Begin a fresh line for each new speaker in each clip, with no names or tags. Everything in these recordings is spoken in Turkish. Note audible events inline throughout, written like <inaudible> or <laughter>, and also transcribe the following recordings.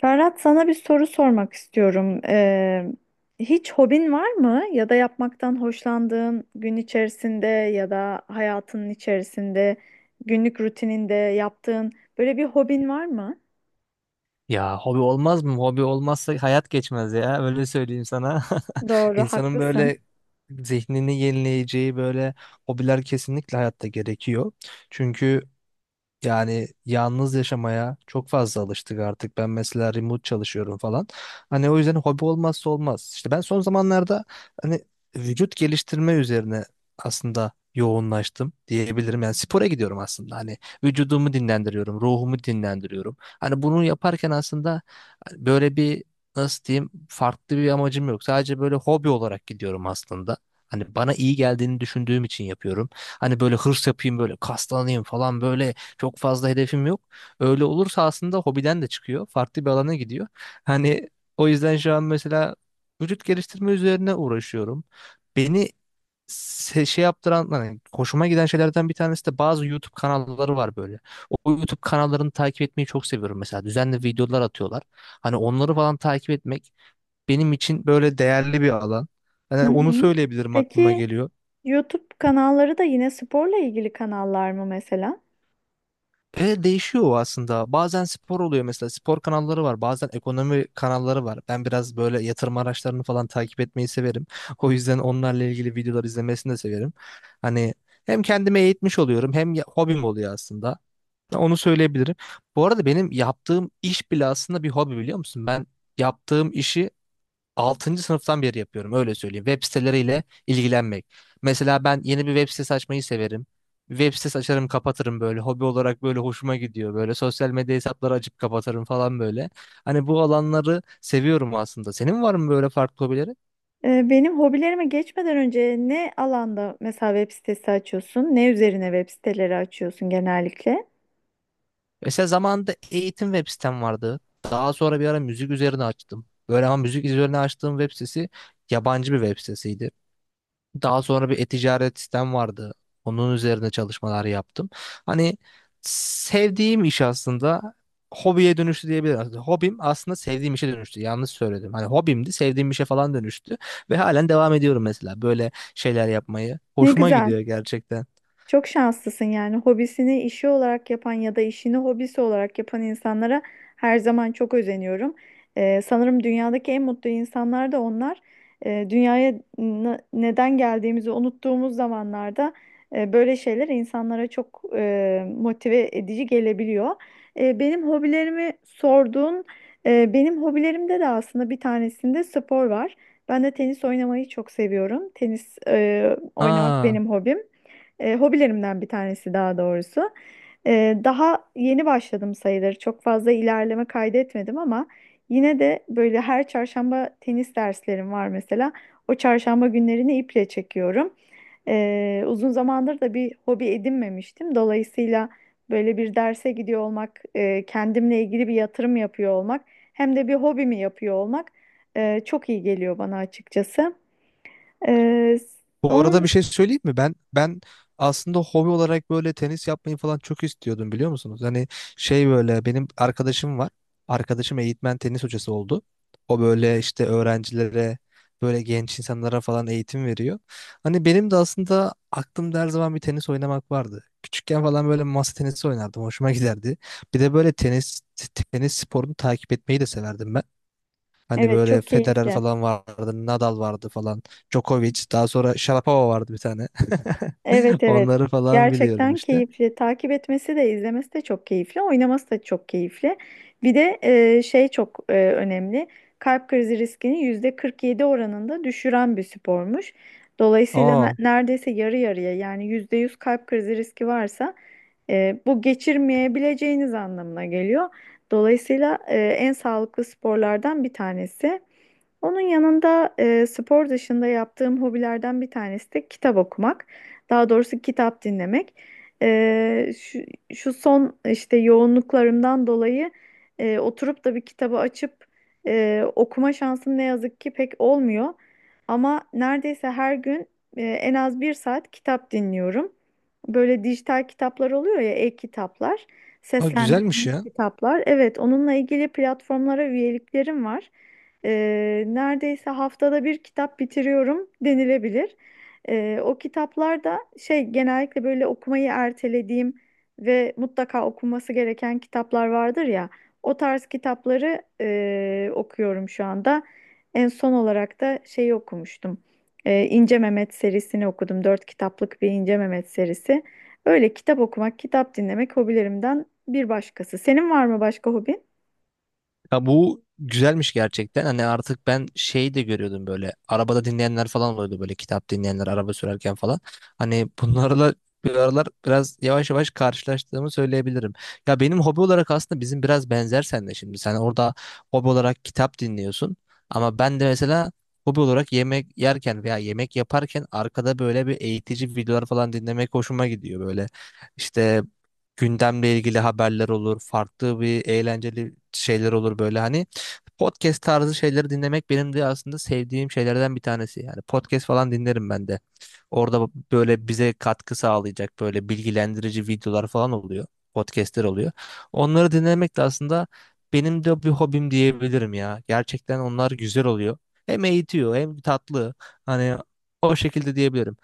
Ferhat sana bir soru sormak istiyorum. Hiç hobin var mı? Ya da yapmaktan hoşlandığın gün içerisinde ya da hayatının içerisinde, günlük rutininde yaptığın böyle bir hobin var mı?
Ya hobi olmaz mı? Hobi olmazsa hayat geçmez ya. Öyle söyleyeyim sana. <laughs>
Doğru,
İnsanın böyle
haklısın.
zihnini yenileyeceği böyle hobiler kesinlikle hayatta gerekiyor. Çünkü yani yalnız yaşamaya çok fazla alıştık artık. Ben mesela remote çalışıyorum falan. Hani o yüzden hobi olmazsa olmaz. İşte ben son zamanlarda hani vücut geliştirme üzerine aslında yoğunlaştım diyebilirim. Yani spora gidiyorum aslında. Hani vücudumu dinlendiriyorum, ruhumu dinlendiriyorum. Hani bunu yaparken aslında hani böyle bir, nasıl diyeyim, farklı bir amacım yok. Sadece böyle hobi olarak gidiyorum aslında. Hani bana iyi geldiğini düşündüğüm için yapıyorum. Hani böyle hırs yapayım, böyle kaslanayım falan böyle çok fazla hedefim yok. Öyle olursa aslında hobiden de çıkıyor. Farklı bir alana gidiyor. Hani o yüzden şu an mesela vücut geliştirme üzerine uğraşıyorum. Beni şey yaptıran, hani hoşuma giden şeylerden bir tanesi de bazı YouTube kanalları var böyle. O YouTube kanallarını takip etmeyi çok seviyorum mesela. Düzenli videolar atıyorlar. Hani onları falan takip etmek benim için böyle değerli bir alan.
Hı
Hani onu
hı.
söyleyebilirim, aklıma
Peki
geliyor.
YouTube kanalları da yine sporla ilgili kanallar mı mesela?
Değişiyor o aslında. Bazen spor oluyor mesela. Spor kanalları var. Bazen ekonomi kanalları var. Ben biraz böyle yatırım araçlarını falan takip etmeyi severim. O yüzden onlarla ilgili videolar izlemesini de severim. Hani hem kendime eğitmiş oluyorum hem hobim oluyor aslında. Onu söyleyebilirim. Bu arada benim yaptığım iş bile aslında bir hobi, biliyor musun? Ben yaptığım işi altıncı sınıftan beri yapıyorum, öyle söyleyeyim. Web siteleriyle ilgilenmek. Mesela ben yeni bir web sitesi açmayı severim. Web sitesi açarım kapatırım, böyle hobi olarak böyle hoşuma gidiyor, böyle sosyal medya hesapları açıp kapatırım falan böyle. Hani bu alanları seviyorum aslında. Senin var mı böyle farklı hobileri?
Benim hobilerime geçmeden önce ne alanda mesela web sitesi açıyorsun? Ne üzerine web siteleri açıyorsun genellikle?
Mesela zamanında eğitim web sitem vardı. Daha sonra bir ara müzik üzerine açtım böyle, ama müzik üzerine açtığım web sitesi yabancı bir web sitesiydi. Daha sonra bir e-ticaret sistem vardı. Onun üzerine çalışmalar yaptım. Hani sevdiğim iş aslında hobiye dönüştü diyebilirim. Aslında hobim aslında sevdiğim işe dönüştü. Yanlış söyledim. Hani hobimdi, sevdiğim işe falan dönüştü ve halen devam ediyorum mesela böyle şeyler yapmayı.
Ne
Hoşuma
güzel.
gidiyor gerçekten.
Çok şanslısın yani hobisini işi olarak yapan ya da işini hobisi olarak yapan insanlara her zaman çok özeniyorum. Sanırım dünyadaki en mutlu insanlar da onlar. Dünyaya neden geldiğimizi unuttuğumuz zamanlarda böyle şeyler insanlara çok motive edici gelebiliyor. Benim hobilerimi sorduğun, benim hobilerimde de aslında bir tanesinde spor var. Ben de tenis oynamayı çok seviyorum. Tenis oynamak
Aa.
benim hobim. Hobilerimden bir tanesi daha doğrusu. Daha yeni başladım sayılır. Çok fazla ilerleme kaydetmedim ama yine de böyle her çarşamba tenis derslerim var mesela. O çarşamba günlerini iple çekiyorum. Uzun zamandır da bir hobi edinmemiştim. Dolayısıyla böyle bir derse gidiyor olmak, kendimle ilgili bir yatırım yapıyor olmak, hem de bir hobimi yapıyor olmak çok iyi geliyor bana açıkçası. E,
Bu arada
onun
bir şey söyleyeyim mi? Ben aslında hobi olarak böyle tenis yapmayı falan çok istiyordum, biliyor musunuz? Hani şey, böyle benim arkadaşım var. Arkadaşım eğitmen, tenis hocası oldu. O böyle işte öğrencilere, böyle genç insanlara falan eğitim veriyor. Hani benim de aslında aklımda her zaman bir tenis oynamak vardı. Küçükken falan böyle masa tenisi oynardım. Hoşuma giderdi. Bir de böyle tenis sporunu takip etmeyi de severdim ben. Hani
evet
böyle
çok
Federer
keyifli.
falan vardı, Nadal vardı falan, Djokovic, daha sonra Sharapova vardı bir tane.
Evet
<laughs>
evet.
Onları falan biliyorum
Gerçekten
işte.
keyifli. Takip etmesi de izlemesi de çok keyifli. Oynaması da çok keyifli. Bir de şey çok önemli. Kalp krizi riskini yüzde 47 oranında düşüren bir spormuş. Dolayısıyla
Aa,
neredeyse yarı yarıya yani %100 kalp krizi riski varsa bu geçirmeyebileceğiniz anlamına geliyor. Dolayısıyla en sağlıklı sporlardan bir tanesi. Onun yanında spor dışında yaptığım hobilerden bir tanesi de kitap okumak. Daha doğrusu kitap dinlemek. E, şu, şu son işte yoğunluklarımdan dolayı oturup da bir kitabı açıp okuma şansım ne yazık ki pek olmuyor. Ama neredeyse her gün en az bir saat kitap dinliyorum. Böyle dijital kitaplar oluyor ya, e-kitaplar,
aa, güzelmiş
seslendirilmiş
ya.
kitaplar. Evet, onunla ilgili platformlara üyeliklerim var. Neredeyse haftada bir kitap bitiriyorum denilebilir. O kitaplar da şey genellikle böyle okumayı ertelediğim ve mutlaka okunması gereken kitaplar vardır ya. O tarz kitapları okuyorum şu anda. En son olarak da şeyi okumuştum. İnce Mehmet serisini okudum. Dört kitaplık bir İnce Mehmet serisi. Öyle kitap okumak, kitap dinlemek hobilerimden bir başkası. Senin var mı başka hobin?
Ya bu güzelmiş gerçekten. Hani artık ben şey de görüyordum böyle. Arabada dinleyenler falan oluyordu, böyle kitap dinleyenler araba sürerken falan. Hani bunlarla bir aralar biraz yavaş yavaş karşılaştığımı söyleyebilirim. Ya benim hobi olarak aslında bizim biraz benzer seninle şimdi. Sen orada hobi olarak kitap dinliyorsun. Ama ben de mesela hobi olarak yemek yerken veya yemek yaparken arkada böyle bir eğitici videolar falan dinlemek hoşuma gidiyor böyle. İşte gündemle ilgili haberler olur, farklı bir eğlenceli şeyler olur böyle, hani podcast tarzı şeyleri dinlemek benim de aslında sevdiğim şeylerden bir tanesi. Yani podcast falan dinlerim ben de. Orada böyle bize katkı sağlayacak böyle bilgilendirici videolar falan oluyor. Podcast'ler oluyor. Onları dinlemek de aslında benim de bir hobim diyebilirim ya. Gerçekten onlar güzel oluyor. Hem eğitiyor hem tatlı. Hani o şekilde diyebilirim.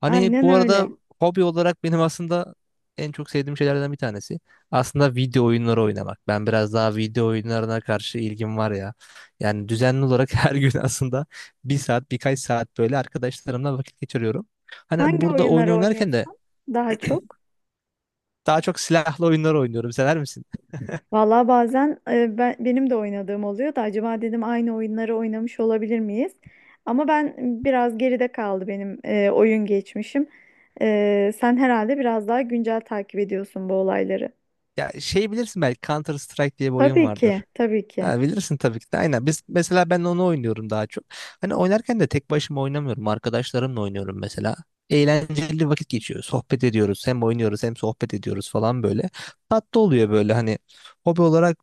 Hani
Aynen
bu arada
öyle.
hobi olarak benim aslında en çok sevdiğim şeylerden bir tanesi, aslında video oyunları oynamak. Ben biraz daha video oyunlarına karşı ilgim var ya. Yani düzenli olarak <laughs> her gün aslında bir saat, birkaç saat böyle arkadaşlarımla vakit geçiriyorum. Hani
Hangi
burada oyun
oyunları
oynarken de
oynuyorsun daha çok?
daha çok silahlı oyunlar oynuyorum. Sever misin?
Valla bazen benim de oynadığım oluyor da acaba dedim aynı oyunları oynamış olabilir miyiz? Ama ben biraz geride kaldı benim oyun geçmişim. Sen herhalde biraz daha güncel takip ediyorsun bu olayları.
Ya şey, bilirsin belki Counter Strike diye bir oyun
Tabii ki,
vardır.
tabii ki.
Ha, bilirsin tabii ki de. Aynen. Biz mesela, ben onu oynuyorum daha çok. Hani oynarken de tek başıma oynamıyorum. Arkadaşlarımla oynuyorum mesela. Eğlenceli vakit geçiyor. Sohbet ediyoruz. Hem oynuyoruz hem sohbet ediyoruz falan böyle. Tatlı oluyor böyle, hani hobi olarak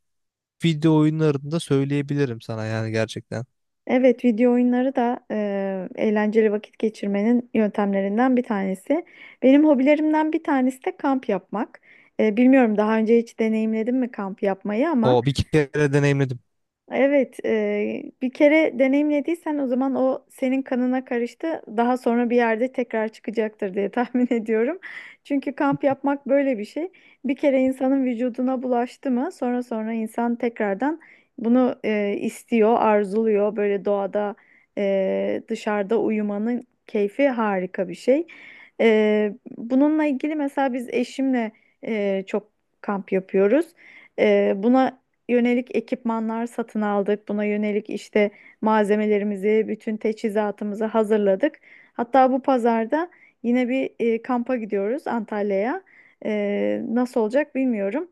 video oyunlarında söyleyebilirim sana yani gerçekten.
Evet, video oyunları da eğlenceli vakit geçirmenin yöntemlerinden bir tanesi. Benim hobilerimden bir tanesi de kamp yapmak. Bilmiyorum daha önce hiç deneyimledim mi kamp yapmayı ama...
O, bir kere deneyimledim.
Evet, bir kere deneyimlediysen o zaman o senin kanına karıştı. Daha sonra bir yerde tekrar çıkacaktır diye tahmin <laughs> ediyorum. Çünkü kamp yapmak böyle bir şey. Bir kere insanın vücuduna bulaştı mı, sonra sonra insan tekrardan bunu istiyor, arzuluyor. Böyle doğada, dışarıda uyumanın keyfi harika bir şey. Bununla ilgili mesela biz eşimle çok kamp yapıyoruz. Buna yönelik ekipmanlar satın aldık. Buna yönelik işte malzemelerimizi, bütün teçhizatımızı hazırladık. Hatta bu pazarda yine bir kampa gidiyoruz Antalya'ya. Nasıl olacak bilmiyorum.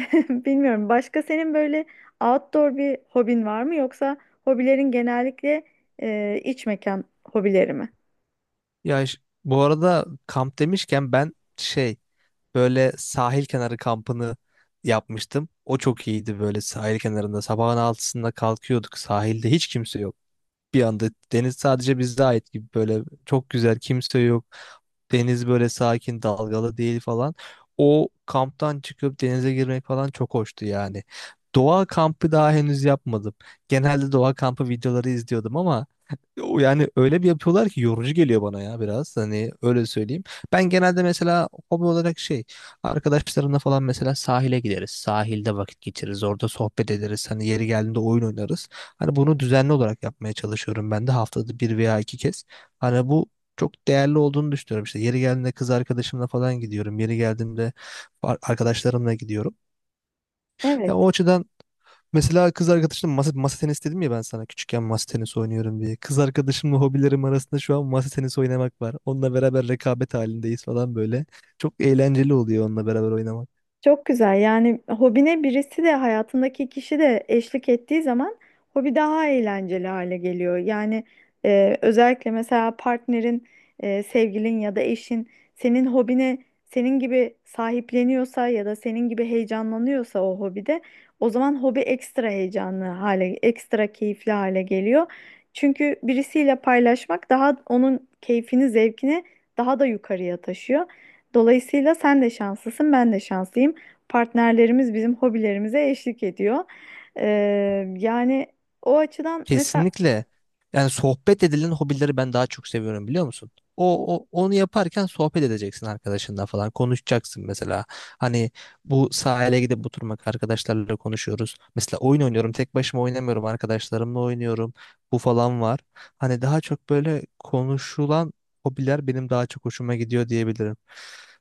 <laughs> Bilmiyorum. Başka senin böyle outdoor bir hobin var mı yoksa hobilerin genellikle iç mekan hobileri mi?
Ya ş- Bu arada kamp demişken ben şey, böyle sahil kenarı kampını yapmıştım. O çok iyiydi, böyle sahil kenarında. Sabahın altısında kalkıyorduk. Sahilde hiç kimse yok bir anda. Deniz sadece bize ait gibi, böyle çok güzel, kimse yok. Deniz böyle sakin, dalgalı değil falan. O kamptan çıkıp denize girmek falan çok hoştu yani. Doğa kampı daha henüz yapmadım. Genelde doğa kampı videoları izliyordum ama o, yani öyle bir yapıyorlar ki yorucu geliyor bana ya, biraz. Hani öyle söyleyeyim. Ben genelde mesela hobi olarak şey, arkadaşlarımla falan mesela sahile gideriz. Sahilde vakit geçiririz. Orada sohbet ederiz. Hani yeri geldiğinde oyun oynarız. Hani bunu düzenli olarak yapmaya çalışıyorum ben de haftada bir veya iki kez. Hani bu çok değerli olduğunu düşünüyorum. İşte yeri geldiğinde kız arkadaşımla falan gidiyorum. Yeri geldiğinde arkadaşlarımla gidiyorum. Ya o
Evet.
açıdan mesela kız arkadaşımla masa tenisi dedim ya ben sana, küçükken masa tenisi oynuyorum diye. Kız arkadaşımla hobilerim arasında şu an masa tenisi oynamak var. Onunla beraber rekabet halindeyiz falan böyle. Çok eğlenceli oluyor onunla beraber oynamak.
Çok güzel. Yani hobine birisi de hayatındaki kişi de eşlik ettiği zaman hobi daha eğlenceli hale geliyor. Yani özellikle mesela partnerin, sevgilin ya da eşin senin hobine senin gibi sahipleniyorsa ya da senin gibi heyecanlanıyorsa o hobide o zaman hobi ekstra heyecanlı hale, ekstra keyifli hale geliyor. Çünkü birisiyle paylaşmak daha onun keyfini, zevkini daha da yukarıya taşıyor. Dolayısıyla sen de şanslısın, ben de şanslıyım. Partnerlerimiz bizim hobilerimize eşlik ediyor. Ee, yani o açıdan mesela
Kesinlikle. Yani sohbet edilen hobileri ben daha çok seviyorum, biliyor musun? Onu yaparken sohbet edeceksin arkadaşınla, falan konuşacaksın mesela. Hani bu sahile gidip oturmak, arkadaşlarla konuşuyoruz. Mesela oyun oynuyorum, tek başıma oynamıyorum, arkadaşlarımla oynuyorum. Bu falan var. Hani daha çok böyle konuşulan hobiler benim daha çok hoşuma gidiyor diyebilirim.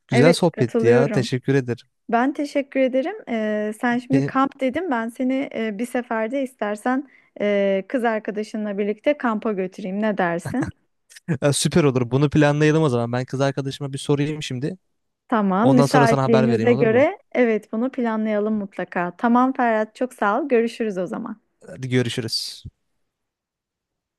Güzel
evet
sohbetti ya.
katılıyorum.
Teşekkür ederim.
Ben teşekkür ederim. Sen şimdi
Benim,
kamp dedim. Ben seni bir seferde istersen kız arkadaşınla birlikte kampa götüreyim. Ne dersin?
<laughs> süper olur. Bunu planlayalım o zaman. Ben kız arkadaşıma bir sorayım şimdi.
Tamam,
Ondan sonra sana haber vereyim,
müsaitliğinize
olur mu?
göre evet bunu planlayalım mutlaka. Tamam Ferhat, çok sağ ol. Görüşürüz o zaman.
Hadi görüşürüz.